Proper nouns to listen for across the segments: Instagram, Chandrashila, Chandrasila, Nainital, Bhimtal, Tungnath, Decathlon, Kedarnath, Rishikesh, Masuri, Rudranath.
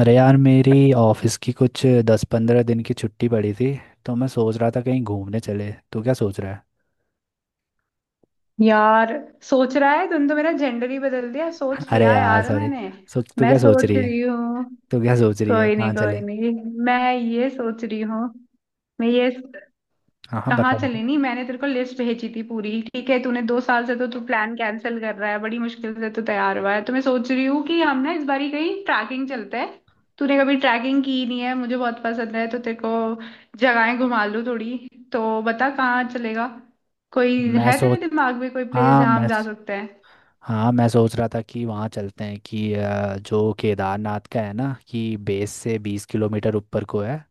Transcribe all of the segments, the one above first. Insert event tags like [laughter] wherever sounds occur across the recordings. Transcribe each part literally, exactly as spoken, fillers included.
अरे यार, मेरी ऑफिस की कुछ दस पंद्रह दिन की छुट्टी पड़ी थी। तो मैं सोच रहा था कहीं घूमने चले, तू क्या सोच रहा यार, सोच रहा है? तुम तो मेरा जेंडर ही बदल दिया, है? सोच [laughs] अरे लिया यार यार सॉरी। मैंने। सो तू मैं क्या सोच सोच रही है? रही हूँ। तू क्या सोच रही है, कोई कहाँ नहीं कोई चले? नहीं, मैं ये सोच रही हूँ। मैं ये हाँ हाँ, कहाँ बता बता। चले? नहीं, मैंने तेरे को लिस्ट भेजी थी पूरी। ठीक है, तूने दो साल से तो तू प्लान कैंसिल कर रहा है, बड़ी मुश्किल से तू तैयार हुआ है। तो मैं सोच रही हूँ कि हम ना इस बारी कहीं ट्रैकिंग चलते हैं। तूने कभी ट्रैकिंग की नहीं है, मुझे बहुत पसंद है, तो तेरे को जगहें घुमा लूँ थोड़ी। तो बता, कहाँ चलेगा? कोई मैं है तेरे सोच दिमाग में कोई प्लेस हाँ जहाँ हम मैं जा सकते हैं? हाँ, मैं सोच रहा था कि वहाँ चलते हैं कि अ, जो केदारनाथ का है ना, कि बेस से बीस किलोमीटर ऊपर को है।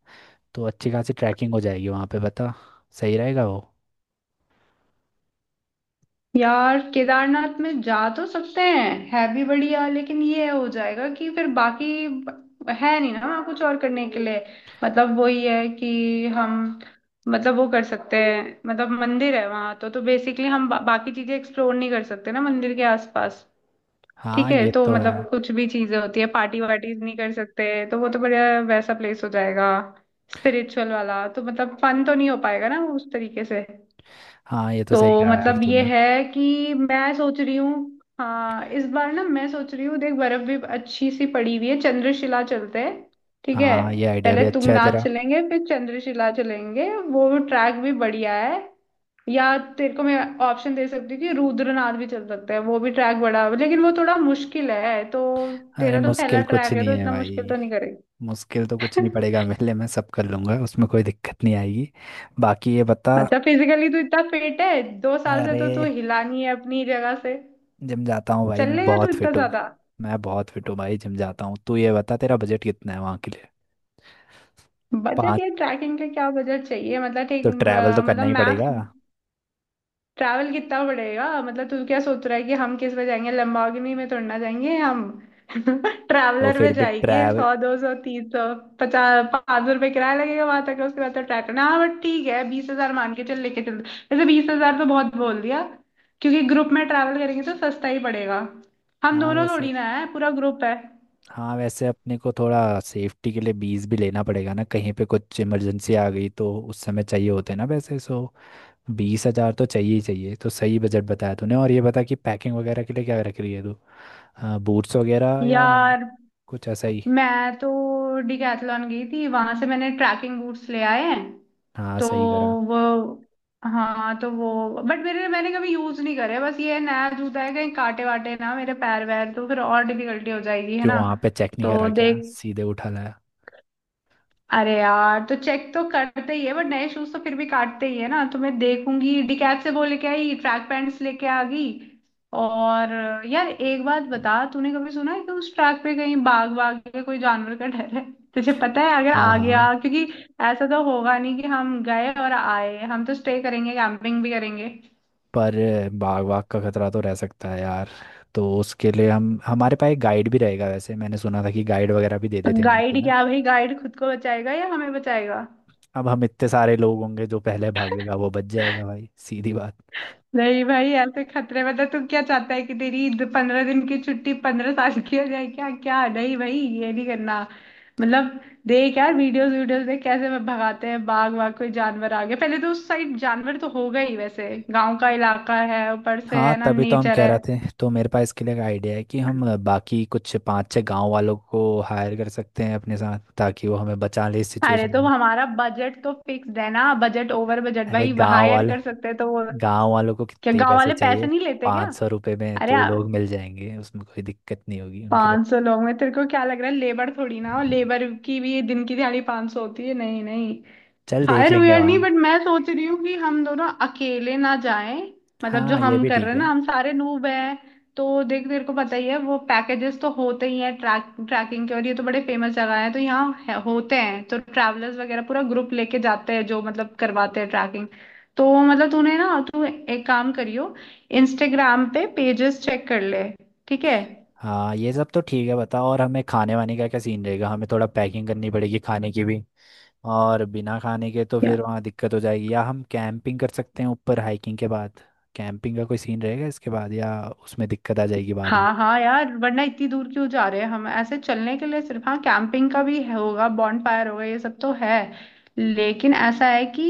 तो अच्छी खासी ट्रैकिंग हो जाएगी वहाँ पे। बता, सही रहेगा वो? यार केदारनाथ में जा तो सकते हैं, है भी बढ़िया, लेकिन ये हो जाएगा कि फिर बाकी है नहीं ना वहाँ कुछ और करने के लिए। मतलब वही है कि हम, मतलब वो कर सकते हैं, मतलब मंदिर है वहाँ तो। तो बेसिकली हम बा, बाकी चीजें एक्सप्लोर नहीं कर सकते ना मंदिर के आसपास। हाँ, ठीक है, ये तो तो है। मतलब कुछ भी चीजें होती है पार्टी वार्टीज नहीं कर सकते, तो वो तो बढ़िया वैसा प्लेस हो जाएगा स्पिरिचुअल वाला, तो मतलब फन तो नहीं हो पाएगा ना उस तरीके से। हाँ, ये तो तो सही कहा यार मतलब ये तूने। है कि मैं सोच रही हूँ, हाँ इस बार ना मैं सोच रही हूँ, देख बर्फ भी अच्छी सी पड़ी हुई है, चंद्रशिला चलते हैं। ठीक है, हाँ, ये आइडिया भी पहले अच्छा है तुंगनाथ तेरा। चलेंगे फिर चंद्रशिला चलेंगे, वो ट्रैक भी बढ़िया है। या तेरे को मैं ऑप्शन दे सकती हूँ कि रुद्रनाथ भी चल सकते हैं, वो भी ट्रैक बड़ा लेकिन वो थोड़ा मुश्किल है, तो अरे तेरा तो पहला मुश्किल कुछ ट्रैक है नहीं तो है इतना मुश्किल भाई। तो नहीं करेगी। मुश्किल तो कुछ नहीं पड़ेगा मेरे [laughs] लिए, मैं सब कर लूंगा, उसमें कोई दिक्कत नहीं आएगी। बाकी ये बता। अच्छा, फिजिकली तू इतना फिट है? दो साल से अरे तो तू हिला नहीं है अपनी जगह से, जिम जाता हूँ भाई, मैं चलेगा तो बहुत इतना फिट हूँ। ज्यादा? मैं बहुत फिट हूँ भाई, जिम जाता हूँ। तू ये बता, तेरा बजट कितना है वहाँ के लिए? बजट? पाँच। या ट्रैकिंग का क्या बजट चाहिए, मतलब तो ठीक ट्रैवल तो अ, करना मतलब ही पड़ेगा। मैक्स। ट्रैवल कितना पड़ेगा, मतलब तू क्या सोच रहा है कि हम किस में जाएंगे? लंबागिनी में थोड़ी ना जाएंगे हम। [laughs] तो ट्रैवलर फिर में भी जाएंगे, ट्रैवल। सौ दो सौ तीन सौ पचास पाँच सौ रुपये किराया लगेगा वहां तक। उसके बाद तो ट्रैक करना, हाँ बट ठीक है, बीस हजार मान के चल, लेके चल। वैसे बीस हजार तो बहुत बोल दिया, क्योंकि ग्रुप में ट्रैवल करेंगे तो सस्ता ही पड़ेगा, हम हाँ दोनों वैसे थोड़ी ना है, पूरा ग्रुप है। हाँ वैसे अपने को थोड़ा सेफ्टी के लिए बीस भी लेना पड़ेगा ना, कहीं पे कुछ इमरजेंसी आ गई तो उस समय चाहिए होते हैं ना वैसे। सो बीस हज़ार तो चाहिए ही चाहिए। तो सही बजट बताया तूने। और ये बता कि पैकिंग वगैरह के लिए क्या रख रही है तू? बूट्स वगैरह या यार कुछ ऐसा ही? मैं तो डिकैथलॉन गई थी, वहां से मैंने ट्रैकिंग बूट्स ले आए हैं। हाँ तो सही करा। वो, हाँ तो वो, बट मेरे मैंने कभी यूज नहीं करे, बस ये नया जूता है, कहीं काटे वाटे ना मेरे पैर वैर, तो फिर और डिफिकल्टी हो जाएगी, है क्यों ना? वहाँ पे चेक नहीं तो करा क्या, देख, सीधे उठा लाया? अरे यार तो चेक तो करते ही है बट नए शूज तो फिर भी काटते ही है ना, तो मैं देखूंगी। डिकैप से वो लेके आई, ट्रैक पैंट्स लेके आ गई। और यार एक बात बता, तूने कभी सुना है कि उस ट्रैक पे कहीं बाघ वाघ या कोई जानवर का डर है? तुझे पता है? अगर हाँ आ गया, हाँ, क्योंकि ऐसा तो होगा नहीं कि हम गए और आए, हम तो स्टे करेंगे, कैंपिंग भी करेंगे। पर बाग वाग का खतरा तो रह सकता है यार। तो उसके लिए हम, हमारे पास एक गाइड भी रहेगा। वैसे मैंने सुना था कि गाइड वगैरह भी दे देते हैं नीचे गाइड ना। क्या भाई, गाइड खुद को बचाएगा या हमें बचाएगा? अब हम इतने सारे लोग होंगे, जो पहले भागेगा वो बच जाएगा भाई, सीधी बात। नहीं भाई, ऐसे खतरे में तो तू क्या चाहता है कि तेरी द- पंद्रह दिन की छुट्टी पंद्रह साल की हो जाए क्या? क्या नहीं भाई, ये नहीं करना। मतलब देख यार, वीडियोस वीडियोस देख कैसे वे भगाते हैं, बाघ वाघ कोई जानवर आ गया। पहले तो उस साइड जानवर तो होगा ही वैसे, गांव का इलाका है, ऊपर से हाँ है ना तभी तो हम नेचर कह है। रहे थे। तो मेरे पास इसके लिए एक आइडिया है कि हम बाकी कुछ पांच छह गांव वालों को हायर कर सकते हैं अपने साथ, ताकि वो हमें बचा ले इस अरे सिचुएशन तो में। हमारा बजट तो फिक्स है ना, बजट ओवर बजट अरे भाई, गांव हायर वाल कर सकते हैं तो वो? गांव वालों को क्या कितने ही गांव पैसे वाले पैसे चाहिए। नहीं लेते क्या? पाँच सौ रुपये में अरे दो लोग मिल जाएंगे, उसमें कोई दिक्कत नहीं होगी उनके लिए। पांच सौ लोग में तेरे को क्या लग रहा है, लेबर थोड़ी ना? और लेबर की भी दिन की दिहाड़ी पांच सौ होती है। नहीं नहीं, चल देख हायर लेंगे वेयर नहीं, बट वहाँ। मैं सोच रही हूँ कि हम दोनों अकेले ना जाएं, मतलब जो हाँ, ये हम भी कर रहे ठीक हैं ना, है। हम सारे नूब हैं। तो देख तेरे को पता ही है, वो पैकेजेस तो होते ही हैं ट्रैक ट्रैकिंग के, और ये तो बड़े फेमस जगह है तो यहाँ है- होते हैं। तो ट्रैवलर्स वगैरह पूरा ग्रुप लेके जाते हैं जो मतलब करवाते हैं ट्रैकिंग। तो मतलब तूने ना, तू एक काम करियो, इंस्टाग्राम पे पेजेस चेक कर ले, ठीक है। हाँ ये सब तो ठीक है, बताओ। और हमें खाने वाने का क्या सीन रहेगा? हमें थोड़ा पैकिंग करनी पड़ेगी खाने की भी। और बिना खाने के तो फिर वहाँ दिक्कत हो जाएगी। या हम कैंपिंग कर सकते हैं ऊपर हाइकिंग के बाद? कैंपिंग का कोई सीन रहेगा इसके बाद या उसमें दिक्कत आ जाएगी बाद में? हाँ हाँ यार, वरना इतनी दूर क्यों जा रहे हैं हम ऐसे चलने के लिए सिर्फ? हाँ कैंपिंग का भी है- होगा, बॉनफायर होगा, ये सब तो है। लेकिन ऐसा है कि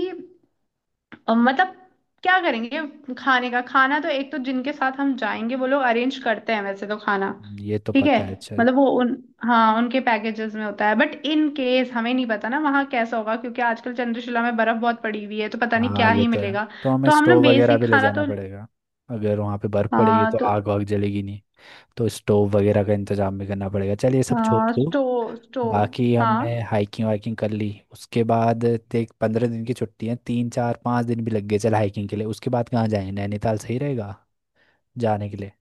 अ, मतलब क्या करेंगे, खाने का? खाना तो एक तो जिनके साथ हम जाएंगे वो लोग अरेंज करते हैं वैसे तो, खाना हम्म, ये तो ठीक है। पता है चल। मतलब वो उन, हाँ उनके पैकेजेस में होता है, बट इन केस हमें नहीं पता ना वहाँ कैसा होगा, क्योंकि आजकल चंद्रशिला में बर्फ बहुत पड़ी हुई है तो पता नहीं हाँ क्या ये ही तो है, मिलेगा। तो हमें तो हम ना स्टोव वगैरह बेसिक भी ले खाना जाना तो, पड़ेगा। अगर वहाँ पे बर्फ़ पड़ेगी हाँ तो तो आग वाग जलेगी नहीं, तो स्टोव वगैरह का इंतजाम भी करना पड़ेगा। चल ये सब छोड़ हाँ दो। स्टो स्टो। बाकी हाँ हमने हाइकिंग वाइकिंग कर ली उसके बाद, देख पंद्रह दिन की छुट्टी है, तीन चार पाँच दिन भी लग गए चल हाइकिंग के लिए, उसके बाद कहाँ जाएं? नैनीताल सही रहेगा जाने के लिए?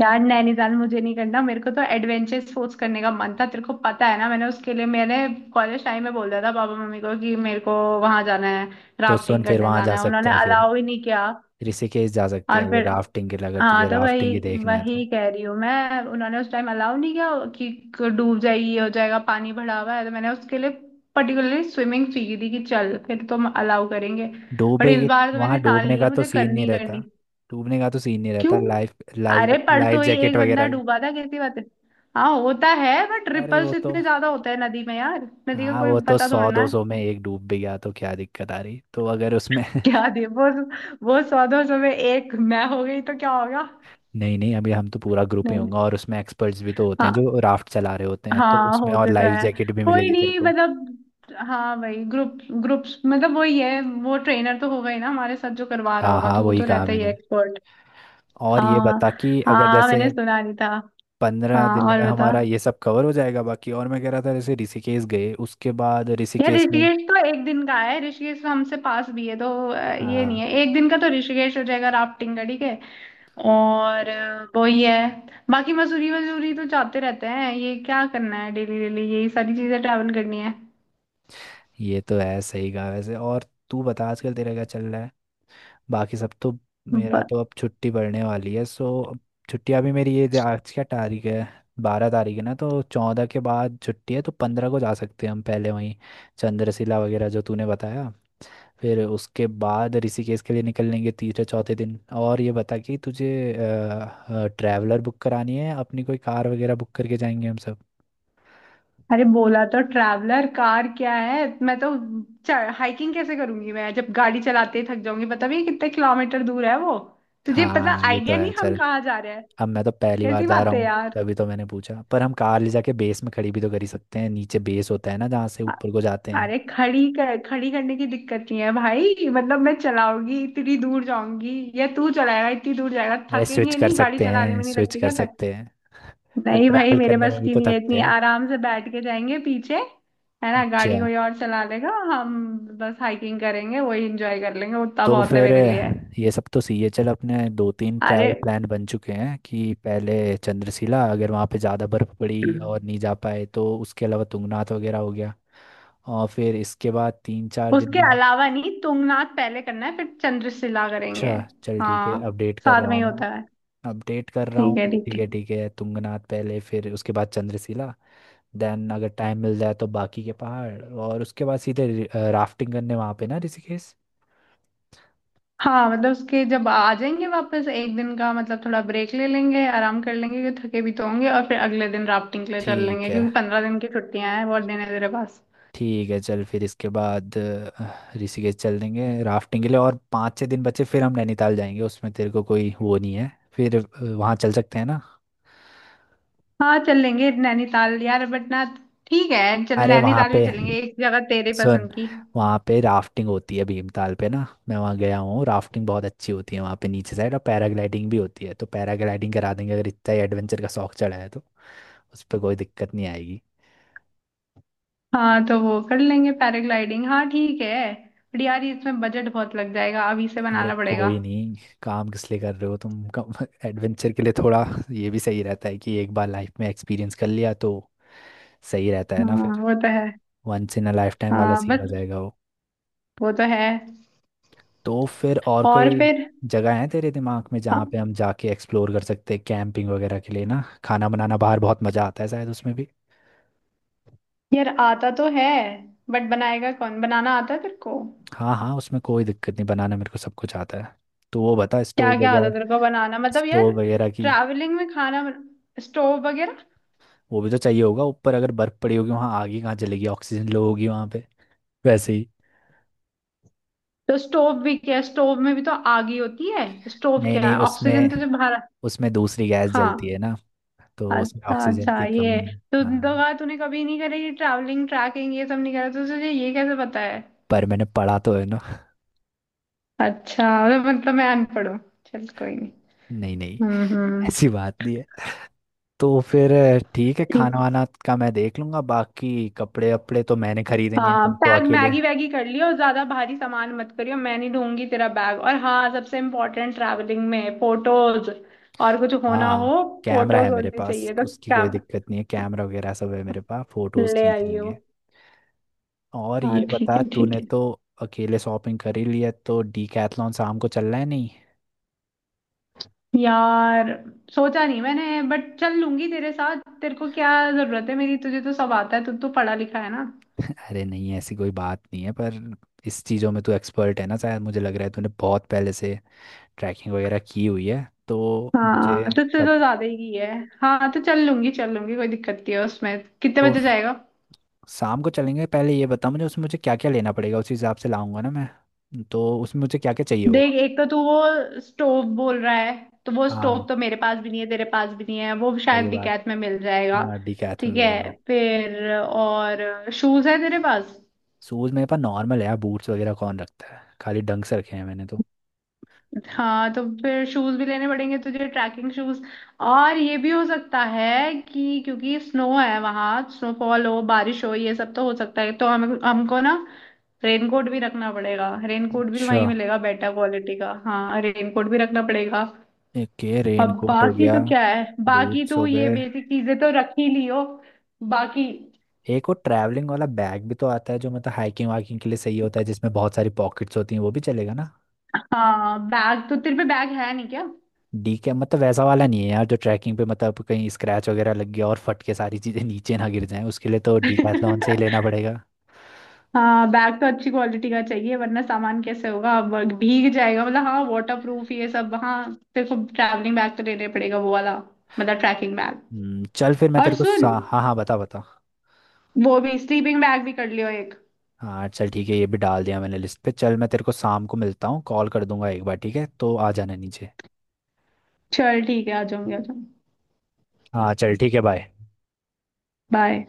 यार नैनीताल मुझे नहीं करना, मेरे को तो एडवेंचर स्पोर्ट्स करने का मन था। तेरे को पता है ना, मैंने उसके लिए मैंने कॉलेज टाइम में बोल दिया था पापा मम्मी को कि मेरे को वहां जाना है, तो सुन राफ्टिंग फिर करने वहां जा जाना है, सकते उन्होंने हैं, फिर अलाउ ही नहीं किया। ऋषिकेश जा सकते और हैं फिर फिर राफ्टिंग के लिए, अगर तुझे हाँ तो राफ्टिंग वही, ही देखना है तो। वही कह रही हूँ मैं, उन्होंने उस टाइम अलाउ नहीं किया कि डूब जाए ये हो जाएगा, पानी भरा हुआ है। तो मैंने उसके लिए पर्टिकुलरली स्विमिंग सीखी थी कि चल फिर तुम अलाउ करेंगे। बट डूबे इस के बार तो वहां मैंने ठान डूबने का लिया, तो मुझे सीन करनी नहीं ही रहता। करनी। डूबने का तो सीन नहीं क्यों? रहता। लाइफ लाइफ अरे लाइफ परसों ही जैकेट एक वगैरह बंदा ले। डूबा था, कैसी बात है। हाँ होता है बट अरे वो रिपल्स तो, इतने ज्यादा होते हैं नदी में यार, नदी का हाँ कोई वो तो पता सौ थोड़ना दो है। सौ में एक डूब भी गया तो क्या दिक्कत आ रही, तो अगर उसमें [laughs] क्या [laughs] दे वो वो सौ दो सौ में एक मैं हो गई तो क्या होगा? नहीं नहीं, अभी हम तो पूरा ग्रुप ही नहीं, होंगे और उसमें एक्सपर्ट्स भी तो होते हैं हाँ, जो राफ्ट चला रहे होते हैं, तो हाँ उसमें और होते तो लाइफ है। जैकेट भी कोई मिलेगी तेरे नहीं, को। मतलब हाँ भाई ग्रुप, ग्रुप्स, मतलब वही है वो ट्रेनर तो हो गई ना हमारे साथ जो करवा रहा हाँ होगा, हाँ, तो वो वही तो कहा रहता ही है मैंने। एक्सपर्ट। और ये हाँ, बता कि अगर हाँ जैसे मैंने सुना नहीं था। पंद्रह हाँ दिन में और बता। हमारा ये सब कवर हो जाएगा बाकी, और मैं कह रहा था जैसे ऋषिकेश गए उसके बाद यार ऋषिकेश में। ऋषिकेश तो एक दिन का है, ऋषिकेश तो हमसे पास भी है तो, अ, ये नहीं हाँ है एक दिन का तो ऋषिकेश हो जाएगा राफ्टिंग का, ठीक है। और अ, वो ही है, बाकी मसूरी वसूरी तो जाते रहते हैं, ये क्या करना है डेली डेली यही सारी चीजें ट्रैवल करनी है। ये तो है, सही कहा वैसे। और तू बता, आजकल तेरा क्या चल रहा है? बाकी सब तो। मेरा ब- तो अब छुट्टी पड़ने वाली है, सो अब छुट्टियाँ भी मेरी, ये जो आज क्या तारीख है, बारह तारीख है ना, तो चौदह के बाद छुट्टी है, तो पंद्रह को जा सकते हैं हम पहले वहीं चंद्रशिला वगैरह, जो तूने बताया। फिर उसके बाद ऋषिकेश के लिए निकलेंगे तीसरे चौथे दिन। और ये बता कि तुझे ट्रैवलर बुक करानी है अपनी, कोई कार वगैरह बुक करके जाएंगे हम सब? अरे बोला तो, ट्रैवलर कार क्या है? मैं तो हाइकिंग कैसे करूंगी, मैं जब गाड़ी चलाते ही थक जाऊंगी। पता भी है कितने किलोमीटर दूर है वो? तुझे पता हाँ ये तो आइडिया है नहीं हम चल। कहाँ जा रहे हैं, अब मैं तो पहली बार कैसी जा रहा बात है हूँ, यार। तभी तो मैंने पूछा। पर हम कार ले जाके बेस में खड़ी भी तो कर ही सकते हैं, नीचे बेस होता है ना जहाँ से ऊपर को जाते हैं। अरे खड़ी कर, खड़ी करने की दिक्कत नहीं है भाई, मतलब मैं चलाऊंगी इतनी दूर जाऊंगी या तू चलाएगा इतनी दूर जाएगा? अरे स्विच थकेंगे कर नहीं गाड़ी सकते चलाने हैं, में? नहीं स्विच लगती कर क्या थक? सकते हैं। पर नहीं भाई, ट्रैवल मेरे करने बस में भी की तो नहीं है, थकते इतनी हैं। आराम से बैठ के जाएंगे पीछे, है ना, अच्छा। गाड़ी कोई और चला लेगा। हम बस हाइकिंग करेंगे, वही एंजॉय कर लेंगे, उतना तो बहुत है फिर मेरे लिए। ये सब तो सीए। चल अपने दो तीन अरे ट्रैवल प्लान बन चुके हैं कि पहले चंद्रशिला, अगर वहाँ पे ज़्यादा बर्फ़ पड़ी और नहीं जा पाए तो उसके अलावा तुंगनाथ वगैरह हो गया। और फिर इसके बाद तीन चार दिन उसके बाद। अलावा नहीं, तुंगनाथ पहले करना है फिर चंद्रशिला करेंगे। अच्छा चल ठीक है, हाँ अपडेट कर साथ रहा में हूँ ही होता है। मैं। अपडेट कर रहा ठीक है हूँ, ठीक ठीक है। है ठीक है, तुंगनाथ पहले फिर उसके बाद चंद्रशिला। देन अगर टाइम मिल जाए तो बाकी के पहाड़, और उसके बाद सीधे राफ्टिंग करने वहाँ पे ना, ऋषिकेश। हाँ मतलब उसके, जब आ जाएंगे वापस एक दिन का मतलब थोड़ा ब्रेक ले लेंगे, आराम कर लेंगे क्योंकि थके भी तो होंगे। और फिर अगले दिन राफ्टिंग के लिए चल ठीक लेंगे, है क्योंकि पंद्रह दिन की छुट्टियां हैं, बहुत दिन है तेरे पास। ठीक है। चल फिर इसके बाद अ, ऋषिकेश चल देंगे राफ्टिंग के लिए, और पाँच छः दिन बचे फिर हम नैनीताल जाएंगे। उसमें तेरे को कोई वो नहीं है फिर अ, वहाँ चल सकते हैं ना? हाँ चल लेंगे नैनीताल यार, बट ना, ठीक है चल अरे वहाँ नैनीताल भी पे चलेंगे, एक जगह तेरे सुन, पसंद की। वहाँ पे राफ्टिंग होती है भीमताल पे ना, मैं वहाँ गया हूँ, राफ्टिंग बहुत अच्छी होती है वहाँ पे नीचे साइड। और पैराग्लाइडिंग भी होती है, तो पैराग्लाइडिंग करा देंगे अगर इतना ही एडवेंचर का शौक चढ़ा है तो। उस पर कोई दिक्कत नहीं आएगी। हाँ तो वो कर लेंगे पैराग्लाइडिंग, हाँ ठीक है। बट यार ये, इसमें बजट बहुत लग जाएगा, अभी से अरे बनाना पड़ेगा। कोई नहीं, काम किस लिए कर रहे हो तुम, कम एडवेंचर के लिए थोड़ा। ये भी सही रहता है कि एक बार लाइफ में एक्सपीरियंस कर लिया तो सही रहता है ना हाँ फिर। वो तो है। Once in a lifetime वाला हाँ सीन हो बस, जाएगा वो। वो तो है। तो फिर और और कोई फिर जगह है तेरे दिमाग में हाँ। जहाँ पे हम जाके एक्सप्लोर कर सकते हैं कैंपिंग वगैरह के लिए ना, खाना बनाना बाहर बहुत मज़ा आता है शायद उसमें भी। यार आता तो है बट बनाएगा कौन? बनाना आता है तेरे को? हाँ हाँ, उसमें कोई दिक्कत नहीं, बनाना मेरे को सब कुछ आता है। तो वो बता क्या स्टोव क्या आता है वगैरह। तेरे को बनाना, मतलब यार स्टोव वगैरह की, ट्रैवलिंग में खाना बन... स्टोव वगैरह, वो भी तो चाहिए होगा ऊपर, अगर बर्फ़ पड़ी होगी वहाँ आग ही कहाँ जलेगी, ऑक्सीजन लो होगी वहाँ पे वैसे ही। तो स्टोव भी क्या है, स्टोव में भी तो आग ही होती है। स्टोव नहीं क्या है, नहीं ऑक्सीजन तो उसमें जब बाहर। उसमें दूसरी गैस जलती हाँ है ना, तो उसमें अच्छा ऑक्सीजन अच्छा की ये है। कमी। तो तो हाँ कहा, तूने कभी नहीं करी ट्रैवलिंग ट्रैकिंग ये सब नहीं करा तो तुझे ये कैसे पता है? पर मैंने पढ़ा तो है ना। [laughs] अच्छा, मतलब मैं अनपढ़ हूँ, चल कोई नहीं। नहीं नहीं, हम्म हम्म। ऐसी बात नहीं है। तो फिर ठीक है, खाना ठीक, वाना का मैं देख लूंगा। बाकी कपड़े वपड़े तो मैंने खरीदे नहीं है, हाँ तुम तो बैग अकेले। मैगी वैगी कर लियो, और ज्यादा भारी सामान मत करियो, मैं नहीं ढूंढूंगी तेरा बैग। और हाँ सबसे इम्पोर्टेंट, ट्रैवलिंग में फोटोज, और कुछ होना हाँ हो कैमरा है फोटोज मेरे होनी पास, चाहिए, तो उसकी क्या, कोई दिक्कत नहीं है, कैमरा वगैरह सब है मेरे पास, फोटोज ले खींच आइयो। लेंगे। और हाँ ये ठीक बता, है ठीक तूने है। तो अकेले शॉपिंग कर ही लिया, तो डीकैथलॉन शाम को चलना है नहीं? यार सोचा नहीं मैंने, बट चल लूंगी तेरे साथ, तेरे को क्या जरूरत है मेरी, तुझे तो सब आता है, तू तो पढ़ा लिखा है ना। अरे नहीं, ऐसी कोई बात नहीं है। पर इस चीज़ों में तू एक्सपर्ट है ना शायद, मुझे लग रहा है तूने बहुत पहले से ट्रैकिंग वगैरह की हुई है तो। मुझे हाँ तुझसे तो कब? ज्यादा ही है। हाँ तो चल लूंगी चल लूंगी, कोई दिक्कत नहीं है उसमें, कितने तो बजे फ- जाएगा? शाम को चलेंगे। पहले ये बता मुझे उसमें, मुझे क्या क्या लेना पड़ेगा, उस हिसाब से लाऊंगा ना मैं तो। उसमें मुझे क्या क्या चाहिए होगा? देख एक तो तू वो स्टोव बोल रहा है, तो वो स्टोव हाँ तो मेरे पास भी नहीं है तेरे पास भी नहीं है, वो शायद सही बात, डिकैत में मिल जाएगा। हाँ डीकैथ में ठीक मिलेगा है, वो। फिर और शूज है तेरे पास? शूज़ मेरे पास नॉर्मल है यार, बूट्स वगैरह कौन रखता है, खाली डंक्स रखे हैं मैंने तो। हाँ तो फिर शूज भी लेने पड़ेंगे तुझे, ट्रैकिंग शूज। और ये भी हो सकता है कि क्योंकि स्नो है वहां, स्नोफॉल हो, बारिश हो, ये सब तो हो सकता है, तो हम हमको ना रेनकोट भी रखना पड़ेगा। रेनकोट भी अच्छा, वहीं मिलेगा बेटर क्वालिटी का, हाँ रेनकोट भी रखना पड़ेगा। एक ये रेन अब कोट हो बाकी गया, तो क्या है, बाकी बूट्स तो हो ये गए। बेसिक चीजें तो रख ही लियो। बाकी एक वो ट्रैवलिंग वाला बैग भी तो आता है, जो मतलब हाइकिंग वाकिंग के लिए सही होता है, जिसमें बहुत सारी पॉकेट्स होती हैं, वो भी चलेगा ना? हाँ, बैग तो तेरे पे बैग है नहीं क्या? डी के, मतलब वैसा वाला नहीं है यार जो ट्रैकिंग पे, मतलब कहीं स्क्रैच वगैरह लग गया और फट के सारी चीज़ें [laughs] नीचे ना गिर जाएं, उसके लिए तो डीकैथलॉन से ही लेना [laughs] पड़ेगा। हाँ बैग तो अच्छी क्वालिटी का चाहिए, वरना सामान कैसे होगा, ब- भीग जाएगा मतलब, हाँ वाटर प्रूफ ये सब, हाँ तेरे को ट्रैवलिंग बैग तो लेने पड़ेगा वो वाला, मतलब ट्रैकिंग बैग। हम्म, चल फिर मैं और तेरे को सा... सुन, हाँ हाँ बता बता। वो भी स्लीपिंग बैग भी कर लियो एक। हाँ चल ठीक है, ये भी डाल दिया मैंने लिस्ट पे। चल मैं तेरे को शाम को मिलता हूँ, कॉल कर दूंगा एक बार, ठीक है? तो आ जाना नीचे। चल ठीक है, आ जाऊंगी आ जाऊंगी। हाँ चल ठीक है, बाय। बाय।